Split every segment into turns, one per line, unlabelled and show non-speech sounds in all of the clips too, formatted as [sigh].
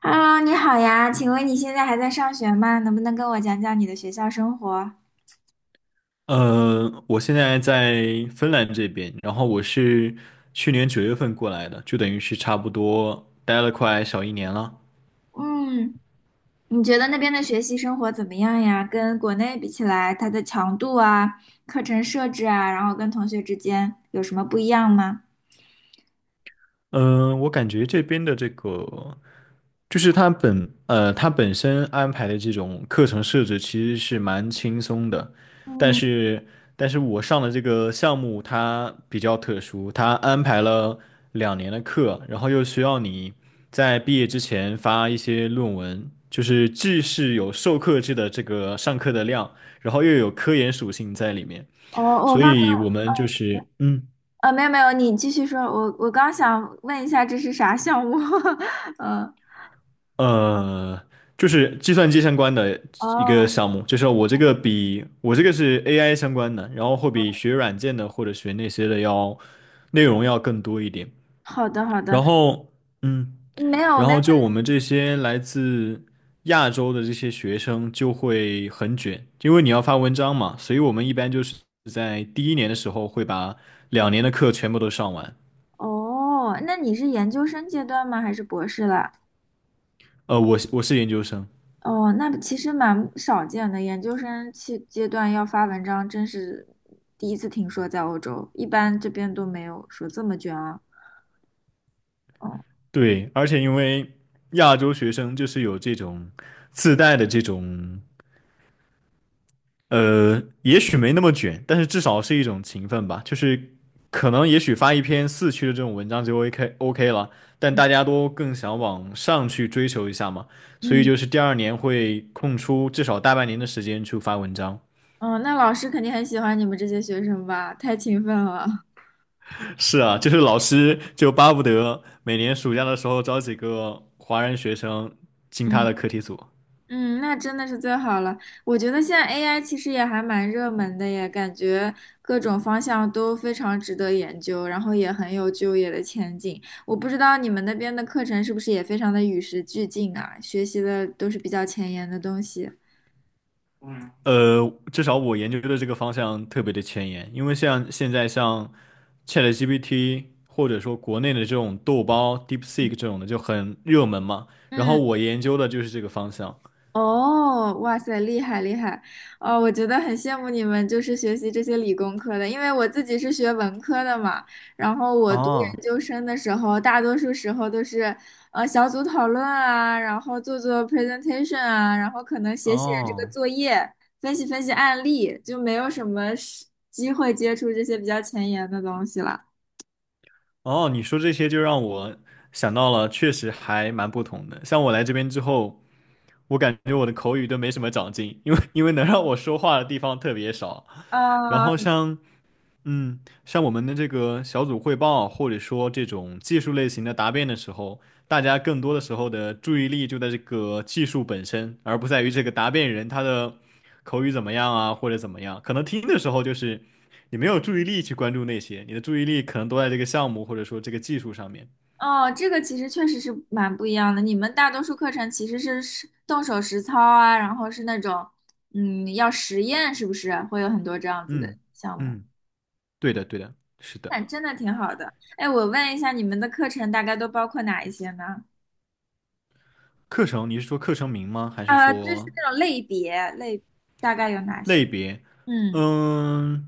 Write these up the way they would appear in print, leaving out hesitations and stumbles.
Hello，你好呀，请问你现在还在上学吗？能不能跟我讲讲你的学校生活？
我现在在芬兰这边，然后我是去年九月份过来的，就等于是差不多待了快小一年了。
嗯，你觉得那边的学习生活怎么样呀？跟国内比起来，它的强度啊、课程设置啊，然后跟同学之间有什么不一样吗？
嗯、我感觉这边的这个就是他本身安排的这种课程设置其实是蛮轻松的，但
嗯，
是但是我上的这个项目它比较特殊，它安排了两年的课，然后又需要你在毕业之前发一些论文，就是既是有授课制的这个上课的量，然后又有科研属性在里面，
我我
所
方
以我们就是。
没有没有，你继续说，我刚想问一下这是啥项目？[laughs] 嗯，
呃，就是计算机相关的一
哦，
个项目，就是我这个是 AI 相关的，然后会比学软件的或者学那些的要内容要更多一点。
好的好的，
然后，嗯，
没有
然
没有，
后就我们这些来自亚洲的这些学生就会很卷，因为你要发文章嘛，所以我们一般就是在第一年的时候会把两年的课全部都上完。
哦，那你是研究生阶段吗？还是博士了？
我是研究生。
哦，那其实蛮少见的，研究生期阶段要发文章，真是第一次听说在欧洲，一般这边都没有说这么卷啊。哦，
对，而且因为亚洲学生就是有这种自带的这种，也许没那么卷，但是至少是一种勤奋吧。就是可能也许发一篇4区的这种文章就 OK 了，但
嗯
大家都更想往上去追求一下嘛，所以
嗯，
就是第二年会空出至少大半年的时间去发文章。
哦，那老师肯定很喜欢你们这些学生吧？太勤奋了。
是啊，就是老师就巴不得每年暑假的时候招几个华人学生进他
嗯。
的课题组。
嗯，那真的是最好了。我觉得现在 AI 其实也还蛮热门的耶，感觉各种方向都非常值得研究，然后也很有就业的前景。我不知道你们那边的课程是不是也非常的与时俱进啊，学习的都是比较前沿的东西。
呃，至少我研究的这个方向特别的前沿，因为像现在像 ChatGPT 或者说国内的这种豆包 DeepSeek
嗯。
这种的就很热门嘛，然后
嗯
我研究的就是这个方向。
哦，哇塞，厉害厉害！哦，我觉得很羡慕你们，就是学习这些理工科的，因为我自己是学文科的嘛。然后我读研
哦
究生的时候，大多数时候都是小组讨论啊，然后做做 presentation 啊，然后可能写写这个
哦
作业，分析分析案例，就没有什么是机会接触这些比较前沿的东西了。
哦，你说这些就让我想到了，确实还蛮不同的。像我来这边之后，我感觉我的口语都没什么长进，因为能让我说话的地方特别少。然
啊，
后像我们的这个小组汇报，或者说这种技术类型的答辩的时候，大家更多的时候的注意力就在这个技术本身，而不在于这个答辩人他的口语怎么样啊，或者怎么样。可能听的时候就是你没有注意力去关注那些，你的注意力可能都在这个项目或者说这个技术上面。
哦，这个其实确实是蛮不一样的。你们大多数课程其实是实动手实操啊，然后是那种，嗯，要实验，是不是会有很多这样子的
嗯
项目？
嗯，对的对的，是
那
的。
真的挺好的。哎，我问一下，你们的课程大概都包括哪一些呢？
课程，你是说课程名吗？还是
啊，就是
说
那种类别类，大概有哪些？
类别？
嗯
嗯。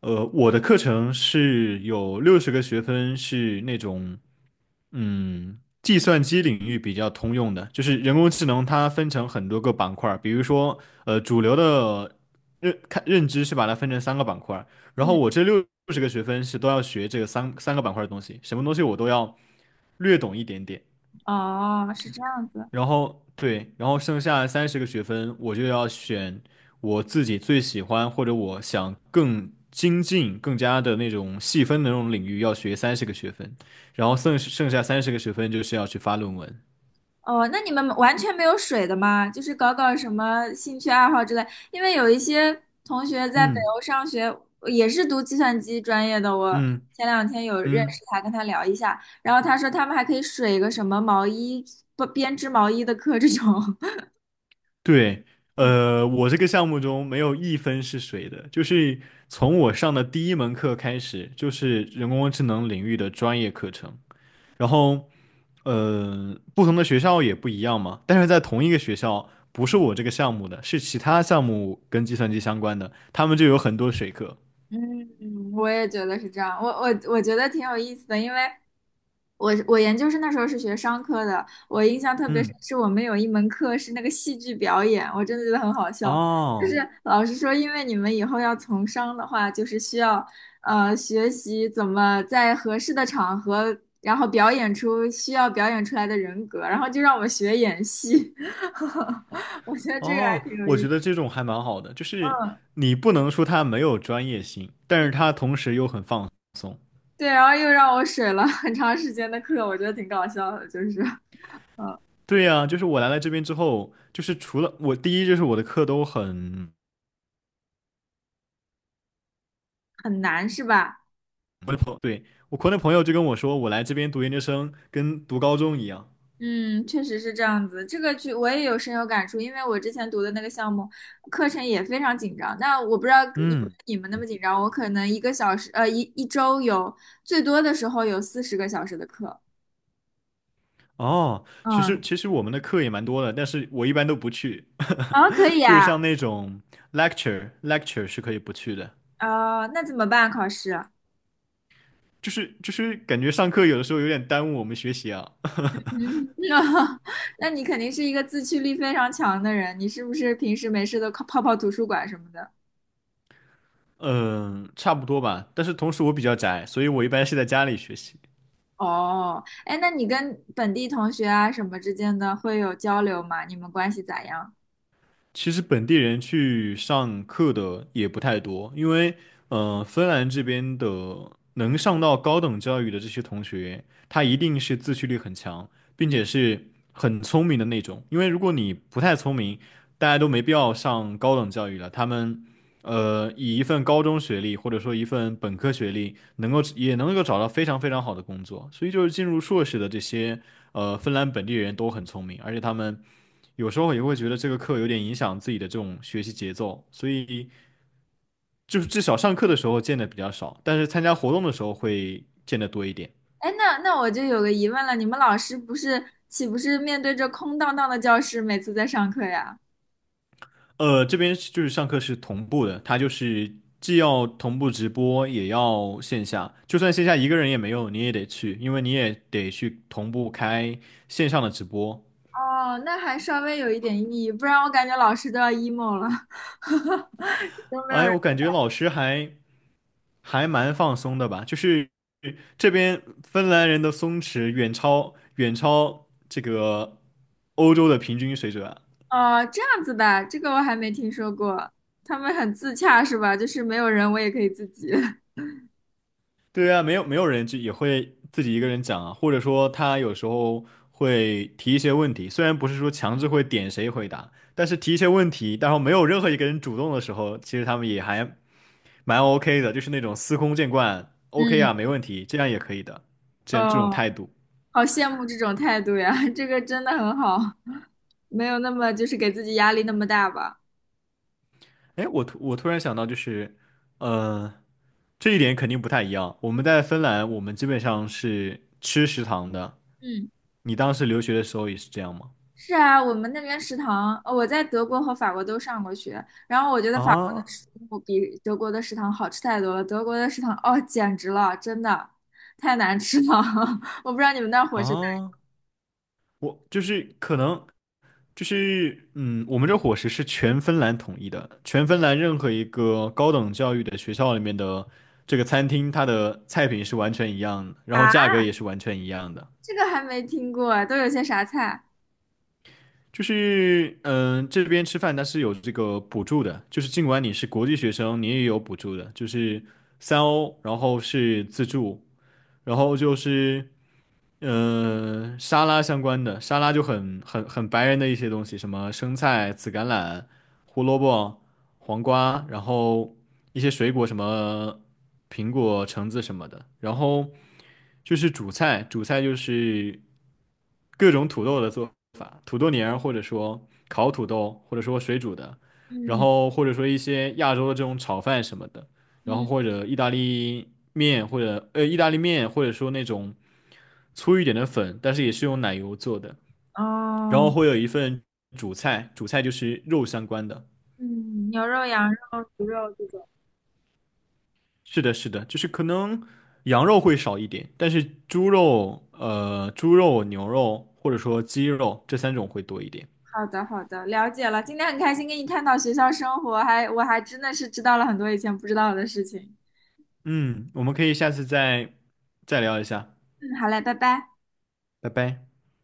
我的课程是有六十个学分，是那种计算机领域比较通用的，就是人工智能它分成很多个板块儿，比如说主流的认知是把它分成三个板块儿，然后
嗯，
我这六十个学分是都要学这个三个板块儿的东西，什么东西我都要略懂一点点。
哦，是这样子。
然后对，然后剩下三十个学分，我就要选我自己最喜欢或者我想更精进、更加的那种细分的那种领域，要学三十个学分，然后剩下三十个学分就是要去发论文。
哦，那你们完全没有水的吗？就是搞搞什么兴趣爱好之类。因为有一些同学在北
嗯
欧上学，也是读计算机专业的。我
嗯
前两天有认识
嗯，
他，跟他聊一下，然后他说他们还可以水个什么毛衣，不编织毛衣的课这种。
对，
[laughs]
我这个项目中没有一分是水的，就是从我上的第一门课开始，就是人工智能领域的专业课程。然后，不同的学校也不一样嘛，但是在同一个学校，不是我这个项目的，是其他项目跟计算机相关的，他们就有很多水课。
嗯，我也觉得是这样。我觉得挺有意思的，因为我研究生那时候是学商科的，我印象特别
嗯，
深，是我们有一门课是那个戏剧表演，我真的觉得很好笑。就是
哦
老师说，因为你们以后要从商的话，就是需要学习怎么在合适的场合，然后表演出需要表演出来的人格，然后就让我们学演戏。[laughs] 我觉得这个还
哦，
挺有
我
意
觉
思。
得这种还蛮好的，就是
嗯，
你不能说它没有专业性，但是它同时又很放。
对，然后又让我水了很长时间的课，我觉得挺搞笑的，就是嗯
对呀，就是我来了这边之后，就是除了我第一就是我的课都很，
很难是吧？
对，我国内朋友就跟我说，我来这边读研究生跟读高中一样。
嗯，确实是这样子，这个剧我也有深有感触，因为我之前读的那个项目课程也非常紧张。那我不知道有没有
嗯。
你们那么紧张，我可能一个小时，一周有最多的时候有40个小时的课。
哦，其
嗯，
实其实我们的课也蛮多的，但是我一般都不去，
啊可
[laughs]
以
就是
啊，
像那种 lecture 是可以不去的，
啊那怎么办？考试？
就是感觉上课有的时候有点耽误我们学习啊。[laughs]
嗯，[laughs] 那你肯定是一个自驱力非常强的人，你是不是平时没事都泡泡图书馆什么的？
嗯，差不多吧，但是同时我比较宅，所以我一般是在家里学习。
哦，哎，那你跟本地同学啊什么之间的会有交流吗？你们关系咋样？
其实本地人去上课的也不太多，因为芬兰这边的能上到高等教育的这些同学，他一定是自驱力很强，并且是很聪明的那种。因为如果你不太聪明，大家都没必要上高等教育了。他们以一份高中学历或者说一份本科学历，能够也能够找到非常非常好的工作。所以就是进入硕士的这些芬兰本地人都很聪明，而且他们有时候也会觉得这个课有点影响自己的这种学习节奏，所以就是至少上课的时候见的比较少，但是参加活动的时候会见的多一点。
哎，那我就有个疑问了，你们老师不是岂不是面对着空荡荡的教室每次在上课呀？
这边就是上课是同步的，它就是既要同步直播，也要线下。就算线下一个人也没有，你也得去，因为你也得去同步开线上的直播。
哦，那还稍微有一点意义，不然我感觉老师都要 emo 了，[laughs] 都没有
哎
人。
我感觉老师还蛮放松的吧，就是这边芬兰人的松弛远超这个欧洲的平均水准啊。
哦，这样子的，这个我还没听说过，他们很自洽是吧？就是没有人我也可以自己。[laughs]
对啊，没有人就也会自己一个人讲啊，或者说他有时候会提一些问题，虽然不是说强制会点谁回答，但是提一些问题，然后没有任何一个人主动的时候，其实他们也还蛮 OK 的，就是那种司空见惯，OK
嗯，
啊，没问题，这样也可以的，这样这种
哦，
态度。
好羡慕这种态度呀，[laughs] 这个真的很好，没有那么就是给自己压力那么大吧。
哎，我突然想到，就是，呃，这一点肯定不太一样。我们在芬兰，我们基本上是吃食堂的。
嗯。
你当时留学的时候也是这样吗？
是啊，我们那边食堂，我在德国和法国都上过学，然后我觉得法国的
啊？
食物比德国的食堂好吃太多了。德国的食堂，哦，简直了，真的太难吃了。[laughs] 我不知道你们那儿伙食咋
啊，我就是可能就是我们这伙食是全芬兰统一的，全芬兰任何一个高等教育的学校里面的这个餐厅，它的菜品是完全一样的，然
样
后价
啊？
格也是完全一样的。
这个还没听过，都有些啥菜？
就是这边吃饭它是有这个补助的，就是尽管你是国际学生，你也有补助的，就是3欧，然后是自助，然后就是。沙拉相关的，沙拉就很白人的一些东西，什么生菜、紫甘蓝、胡萝卜、黄瓜，然后一些水果，什么苹果、橙子什么的。然后就是主菜，主菜就是各种土豆的做法，土豆泥儿，或者说烤土豆，或者说水煮的，然
嗯
后或者说一些亚洲的这种炒饭什么的，然后
嗯，
或者意大利面，或者说那种。粗一点的粉，但是也是用奶油做的。然后
哦，
会有一份主菜，主菜就是肉相关的。
嗯，牛肉、羊肉、猪肉这种。
是的，是的，就是可能羊肉会少一点，但是猪肉、牛肉或者说鸡肉这三种会多一点。
好的好的，了解了。今天很开心跟你探讨学校生活，还我还真的是知道了很多以前不知道的事情。
嗯，我们可以下次再聊一下，
嗯，好嘞，拜拜。
拜拜。